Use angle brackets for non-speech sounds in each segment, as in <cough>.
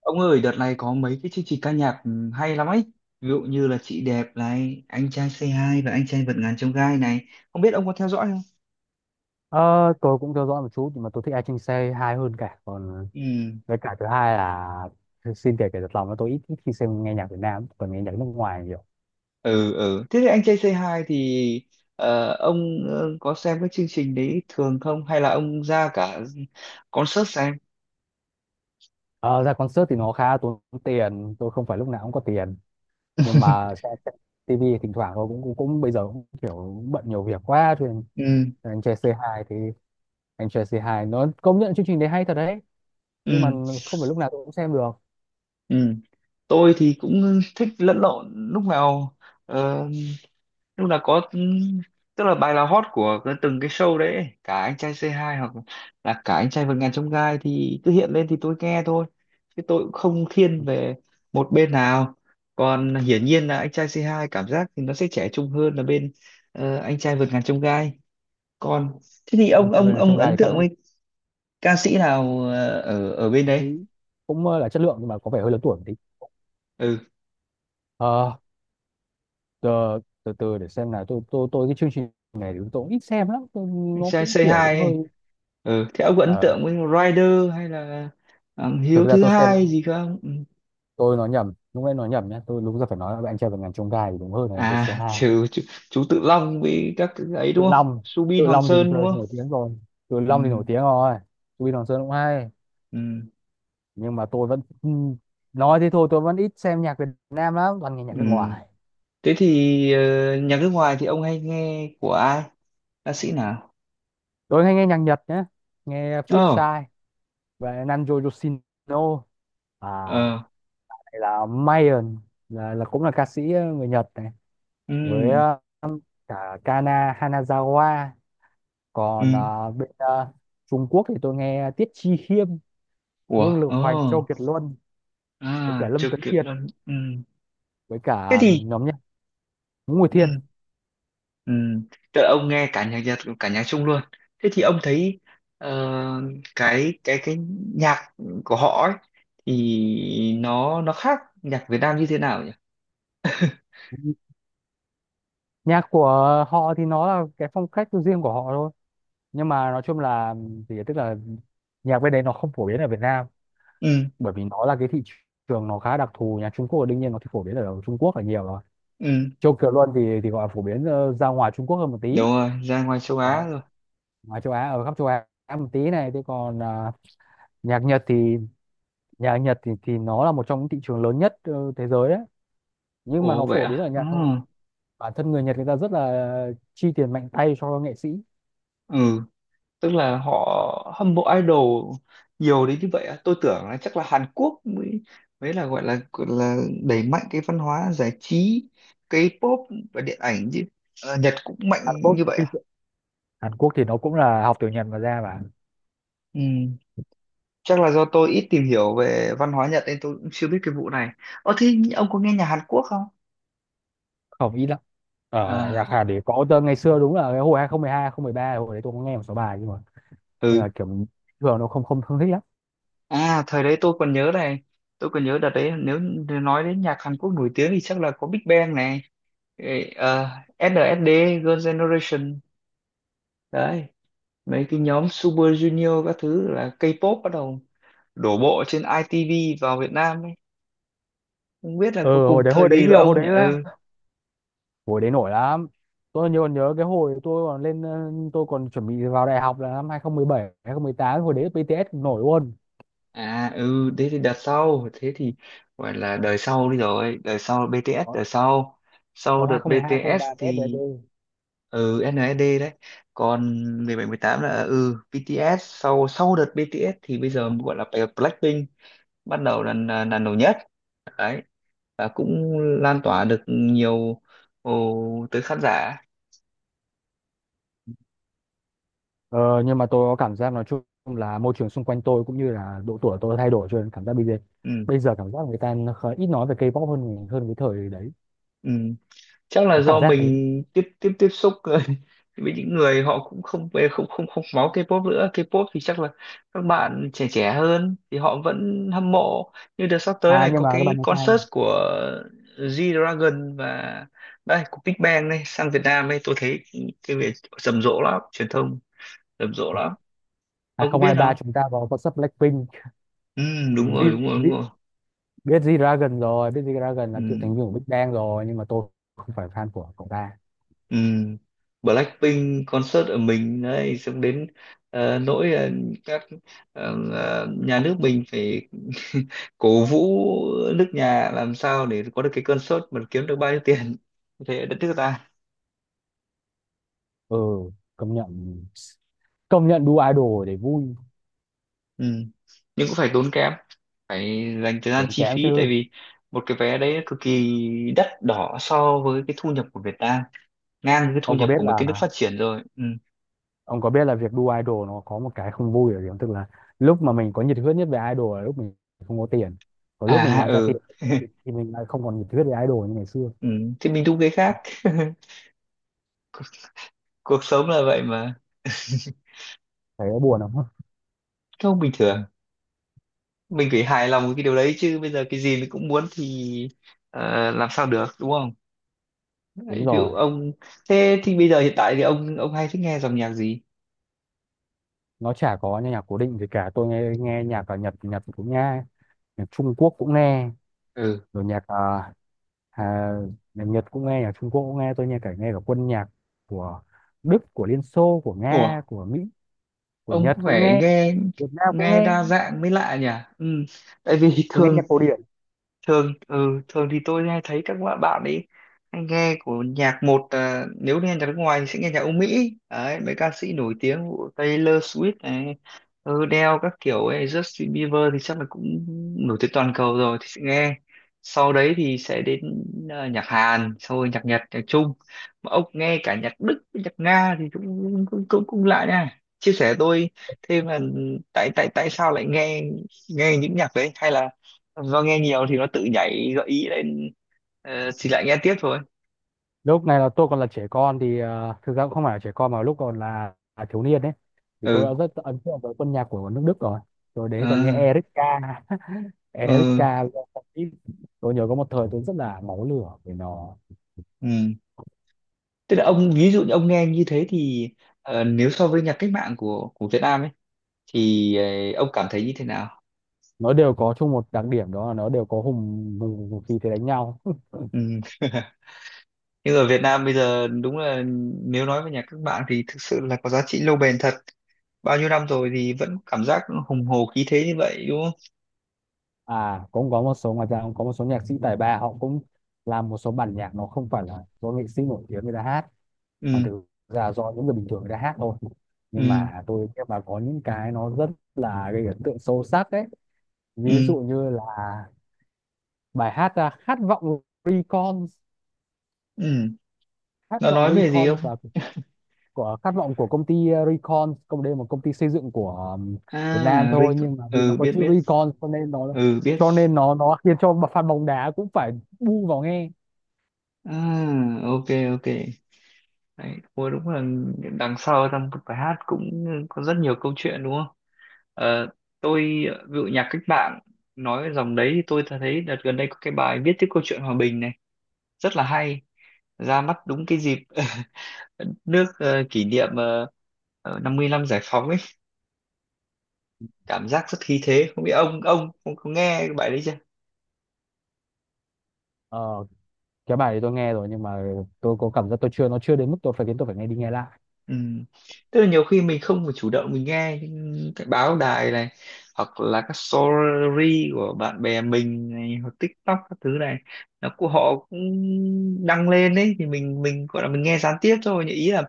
Ông ơi, đợt này có mấy cái chương trình ca nhạc hay lắm ấy. Ví dụ như là Chị Đẹp này, Anh Trai Say Hi và Anh Trai Vượt Ngàn Chông Gai này. Không biết ông có theo dõi không? Ờ, tôi cũng theo dõi một chút, nhưng mà tôi thích ai trên xe hai hơn cả. Còn Ừ, với cả thứ hai là xin kể kể thật lòng là tôi ít khi xem nghe nhạc Việt Nam, còn nghe nhạc nước ngoài nhiều. ừ, ừ. Thế thì Anh Trai Say Hi thì ông có xem cái chương trình đấy thường không? Hay là ông ra cả concert xem? Ờ, ra concert thì nó khá tốn tiền, tôi không phải lúc nào cũng có tiền, nhưng mà <laughs> xem TV thỉnh thoảng thôi, cũng, cũng cũng bây giờ cũng kiểu bận nhiều việc quá, cho nên Ừ, anh trai c hai thì anh trai c hai nó công nhận chương trình đấy hay thật đấy, ừ, nhưng mà không phải lúc nào tôi cũng xem được. ừ, tôi thì cũng thích lẫn lộn lúc nào. Ờ, lúc nào có, tức là bài là hot của từng cái show đấy ấy. Cả anh trai C2 hoặc là cả anh trai vượt ngàn chông gai thì cứ hiện lên thì tôi nghe thôi, chứ tôi cũng không thiên về một bên nào. Còn hiển nhiên là anh trai C2 cảm giác thì nó sẽ trẻ trung hơn là bên anh trai vượt ngàn chông gai. Còn thế thì Anh ông trai về ông nhà ông trong gai ấn thì các tượng nghệ với ca sĩ nào ở ở bên đấy? sĩ cũng là chất lượng, nhưng mà có vẻ hơi lớn tuổi một tí. Ừ, Ờ, Ờ, từ từ để xem nào, tôi cái chương trình này thì tôi cũng ít xem lắm. anh Nó trai cũng kiểu cũng C2 ấy. hơi Ừ, thế ông có ấn ờ, tượng với Rider hay là thực Hiếu ra thứ tôi xem, hai gì không? Ừ. tôi nói nhầm, lúc nãy nói nhầm nhé, tôi đúng ra phải nói là anh trai vượt ngàn chông gai thì đúng hơn là anh trai À, C2. Chú Tự Long với các cái ấy Tự đúng không? Long, Subin Tự Hoàng Long thì Sơn đúng tôi không? nổi tiếng rồi, Tự Ừ, Long thì nổi tiếng rồi. Vin Hoàng Sơn cũng hay, ừ, nhưng mà tôi vẫn nói thế thôi, tôi vẫn ít xem nhạc Việt Nam lắm, toàn nghe ừ. nhạc nước ngoài. Thế thì nhạc nước ngoài thì ông hay nghe của ai, ca sĩ nào? Tôi hay nghe nhạc Nhật nhé, nghe Ồ, Flipside và Nanjo Yoshino, à ờ, là Mayon, là cũng là ca sĩ người Nhật này, với ừ, cả Kana Hanazawa. Còn ừ, bên Trung Quốc thì tôi nghe Tiết Chi Khiêm, ủa, Vương Lực ồ, Hoành, Châu Kiệt Luân, với cả à, Lâm chưa Tuấn kịp Kiệt, luôn, ừ. với Thế cả thì, nhóm nhạc Ngũ Nguyệt Thiên. ừ, ừ, tức là ông nghe cả nhạc Nhật, cả nhạc Trung luôn. Thế thì ông thấy ờ, cái nhạc của họ ấy, thì nó khác nhạc Việt Nam như thế nào nhỉ? Nhạc của họ thì nó là cái phong cách riêng của họ thôi, nhưng mà nói chung là, thì tức là nhạc bên đấy nó không phổ biến ở Việt Nam, Ừ, bởi vì nó là cái thị trường nó khá đặc thù. Nhạc Trung Quốc đương nhiên nó thì phổ biến ở Trung Quốc là nhiều rồi. ừ, Châu kiều luân thì gọi là phổ biến ra ngoài Trung Quốc hơn một đúng tí. rồi, ra ngoài châu Á Có, rồi. ngoài châu Á, ở khắp châu Á một tí này. Thế còn à, nhạc Nhật thì, nhạc Nhật thì nó là một trong những thị trường lớn nhất thế giới đấy, nhưng mà Ồ, nó vậy phổ biến ở à. Ừ, Nhật thôi. Bản thân người Nhật người ta rất là chi tiền mạnh tay cho nghệ sĩ. ừ, tức là họ hâm mộ idol nhiều đến như vậy à? Tôi tưởng là chắc là Hàn Quốc mới mới là gọi là đẩy mạnh cái văn hóa giải trí K-pop và điện ảnh chứ. Ờ, Nhật cũng mạnh Hàn Quốc như vậy thì, à? Hàn Quốc thì nó cũng là học từ Nhật mà ra mà. Ừ, chắc là do tôi ít tìm hiểu về văn hóa Nhật nên tôi cũng chưa biết cái vụ này. Ờ, thế ông có nghe nhạc Hàn Quốc không? Không, ít lắm. Ở nhạc À, Hàn thì có tơ ngày xưa, đúng là cái hồi 2012 2013, hồi đấy tôi cũng nghe một số bài, nhưng mà nhưng ừ. mà kiểu thường nó không không không thích lắm. À, thời đấy tôi còn nhớ này, tôi còn nhớ đợt đấy, nếu như nói đến nhạc Hàn Quốc nổi tiếng thì chắc là có Big Bang này, ê, ờ, SNSD, Girls' Generation, đấy, mấy cái nhóm Super Junior các thứ, là K-pop bắt đầu đổ bộ trên ITV vào Việt Nam ấy. Không biết là có Ừ, cùng hồi đấy, thời hồi đấy kỳ với nhiều, ông nhỉ? Ừ. hồi đấy nổi lắm. Tôi nhớ còn nhớ cái hồi tôi còn lên tôi còn chuẩn bị vào đại học là năm 2017 2018, hồi đấy BTS cũng nổi luôn, À, ừ, thế thì đợt sau, thế thì gọi là đời sau đi rồi, đời sau BTS đời sau. Sau cộng đợt 2012 BTS 2013 BTS đấy thì SNSD đấy, còn 17, 18 là BTS. Sau Sau đợt BTS thì bây giờ gọi là Blackpink bắt đầu là nổi nhất đấy, và cũng lan tỏa được nhiều, ồ, tới khán giả. Nhưng mà tôi có cảm giác nói chung là môi trường xung quanh tôi cũng như là độ tuổi tôi thay đổi, cho nên cảm giác Ừ, bây giờ cảm giác người ta nó ít nói về K-pop hơn hơn cái thời đấy. ừ. Chắc là Có cảm do giác thế. mình tiếp tiếp tiếp xúc <laughs> với những người họ cũng không không không máu K-pop nữa. K-pop thì chắc là các bạn trẻ trẻ hơn thì họ vẫn hâm mộ. Như đợt sắp tới À, này nhưng có mà các bạn cái nói sai. concert của G-Dragon và đây của Big Bang này sang Việt Nam ấy, tôi thấy cái việc rầm rộ lắm, truyền thông rầm rộ À, lắm, ông có biết 2023 không? chúng ta vào có sắp Blackpink, Ừ, đúng rồi, đúng Jin. rồi, đúng rồi. Biết G-Dragon rồi, biết G-Dragon Ừ. là cựu thành viên của Big Bang rồi, nhưng mà tôi không phải fan của cậu ta. Ừ. Blackpink concert ở mình đấy, xong đến nỗi các nhà nước mình phải <laughs> cổ vũ nước nhà làm sao để có được cái concert mà kiếm được bao nhiêu tiền thế ở đất nước ta. Ừ, công nhận, công nhận đu idol để vui. Ừ. Nhưng cũng phải tốn kém, phải dành thời gian Tốn chi kém phí, tại chứ. vì một cái vé đấy cực kỳ đắt đỏ so với cái thu nhập của Việt Nam, ngang với cái thu ông có nhập biết của mấy là cái nước phát triển rồi. Ừ. ông có biết là việc đu idol nó có một cái không vui ở điểm, tức là lúc mà mình có nhiệt huyết nhất về idol là lúc mình không có tiền, còn lúc mình À, làm ra ừ. tiền thì mình lại không còn nhiệt huyết về idol như ngày xưa. Ừ. Thì mình đúng cái khác. <laughs> cuộc cuộc sống là vậy mà. Thấy nó buồn không? Không, bình thường mình phải hài lòng với cái điều đấy chứ, bây giờ cái gì mình cũng muốn thì làm sao được đúng không? Đúng Đấy, ví dụ rồi. ông, thế thì bây giờ hiện tại thì ông hay thích nghe dòng nhạc gì? Nó chả có nhạc cố định gì cả, tôi nghe nghe nhạc ở Nhật, Nhật cũng nghe, nhạc Trung Quốc cũng nghe, Ừ, rồi à, nhạc Nhật cũng nghe, nhạc Trung Quốc cũng nghe. Tôi nghe cả quân nhạc của Đức, của Liên Xô, của ủa, Nga, của Mỹ, của ông Nhật cũng cũng phải nghe, nghe, Việt Nam cũng nghe nghe. đa dạng mới lạ nhỉ. Ừ, tại vì <laughs> Tôi nghe thường nhạc cổ điển. thường ừ, thường thì tôi hay thấy các bạn bạn ấy hay nghe của nhạc một à, nếu nghe nhạc nước ngoài thì sẽ nghe nhạc Âu Mỹ đấy, mấy ca sĩ nổi tiếng của Taylor Swift này, ừ, Adele các kiểu ấy, Justin Bieber thì chắc là cũng nổi tiếng toàn cầu rồi thì sẽ nghe, sau đấy thì sẽ đến à, nhạc Hàn, sau rồi nhạc Nhật, nhạc Trung. Mà ông nghe cả nhạc Đức nhạc Nga thì cũng lạ nha. Chia sẻ tôi thêm là tại tại tại sao lại nghe nghe những nhạc đấy, hay là do nghe nhiều thì nó tự nhảy gợi ý lên thì lại nghe tiếp thôi. Lúc này là tôi còn là trẻ con, thì thực ra cũng không phải là trẻ con, mà lúc còn là thiếu niên đấy, thì tôi Ừ, đã rất ấn tượng với quân nhạc của nước Đức rồi. Tôi đấy còn nghe à, Erika <laughs> ừ, Erika Lewandowski. Tôi nhớ có một thời tôi rất là máu lửa vì nó. ừ. Tức là ông, ví dụ như ông nghe như thế thì nếu so với nhạc cách mạng của Việt Nam ấy thì ông cảm thấy như thế nào? Nó đều có chung một đặc điểm, đó là nó đều có hùng hùng, hùng khí thế đánh nhau. Ừ. <laughs> Nhưng ở Việt Nam bây giờ đúng là, nếu nói về nhạc cách mạng thì thực sự là có giá trị lâu bền thật, bao nhiêu năm rồi thì vẫn cảm giác hùng hồ khí thế như vậy đúng không? À, cũng có một số ngoài ra cũng có một số nhạc sĩ tài ba, họ cũng làm một số bản nhạc, nó không phải là do nghệ sĩ nổi tiếng người ta hát, mà Ừ, thực ra do những người bình thường người ta hát thôi, nhưng ừ, mà tôi nghe mà có những cái nó rất là gây ấn tượng sâu sắc đấy. Ví dụ ừ, như là bài hát, à, Recon ừ, Khát nó vọng nói về gì Recon không? là của, khát vọng của công ty, à, Recon. Công đây là một công ty xây dựng của um, Việt Nam À, thôi, Rico, nhưng mà vì nó ừ, có biết chữ biết, Recon cho nên nó ừ, biết. Khiến cho fan bóng đá cũng phải bu vào nghe. À, ok, ok. Đấy, ôi đúng là đằng sau trong một bài hát cũng có rất nhiều câu chuyện đúng không? Ờ, tôi ví dụ nhạc cách mạng nói dòng đấy, thì tôi thấy đợt gần đây có cái bài viết tiếp câu chuyện hòa bình này, rất là hay, ra mắt đúng cái dịp <laughs> nước kỷ niệm 50 năm giải phóng ấy, cảm giác rất khí thế. Không biết ông có nghe cái bài đấy? Ờ, cái bài thì tôi nghe rồi, nhưng mà tôi có cảm giác tôi chưa nó chưa đến mức tôi phải nghe đi nghe lại. Ừ. Tức là nhiều khi mình không phải chủ động mình nghe, những cái báo đài này hoặc là các story của bạn bè mình này, hoặc TikTok các thứ này, nó của họ cũng đăng lên đấy thì mình, gọi là mình nghe gián tiếp thôi, nhưng ý là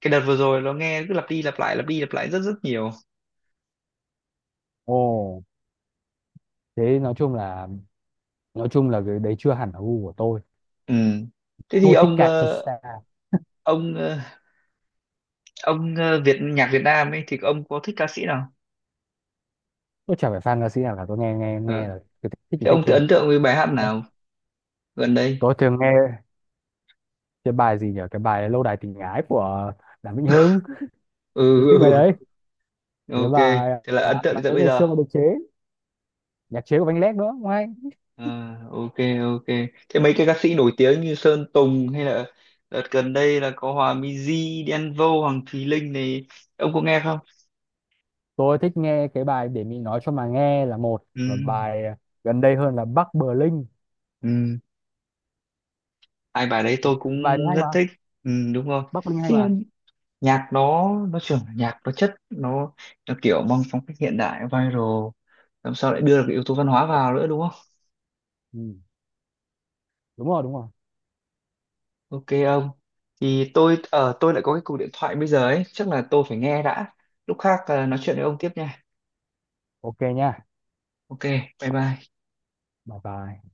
cái đợt vừa rồi nó nghe cứ lặp đi lặp lại, lặp đi lặp lại rất rất nhiều. Ồ, thế nói chung là, cái đấy chưa hẳn là gu của tôi. Ừ. Thế thì Tôi thích ông ờ, Kajusa. ông ờ, ông ờ, Việt nhạc Việt Nam ấy thì ông có thích ca sĩ nào? Tôi chả phải fan ca sĩ nào cả, tôi nghe nghe Ờ. nghe là cứ thích thích thì Thế thích ông tự thôi. ấn tượng với bài hát nào gần đây? Tôi thường nghe cái bài gì nhỉ? Cái bài Lâu đài tình ái của Đàm Vĩnh Hưng. Ừ, Tôi thích bài ừ, đấy. ừ. <laughs> Cái Ok. bài Thế là À, ấn tượng đến bài tận đấy bây ngày giờ. xưa mà được chế, nhạc chế của Văn Lét nữa, không hay. À, ok, ok. Thế mấy cái ca sĩ nổi tiếng như Sơn Tùng hay là đợt gần đây là có Hòa Minzy, Đen Vâu, Hoàng Thùy Linh này, ông có nghe không? Tôi thích nghe cái bài Để mình nói cho mà nghe là một, và Ừ, bài gần đây hơn là Bắc Bling. ừ. Hai bài đấy tôi cũng Bài đấy hay mà. rất thích. Ừ, đúng rồi. Bắc Ninh hay Thế mà. nhạc nó trưởng, nhạc nó chất, nó kiểu mang phong cách hiện đại viral, làm sao lại đưa được cái yếu tố văn hóa vào nữa đúng không? Ừ, đúng rồi, đúng rồi. Ok ông. Thì tôi tôi lại có cái cuộc điện thoại bây giờ ấy, chắc là tôi phải nghe đã. Lúc khác à, nói chuyện với ông tiếp nha. Ok nha. Ok, bye bye. Bye bye.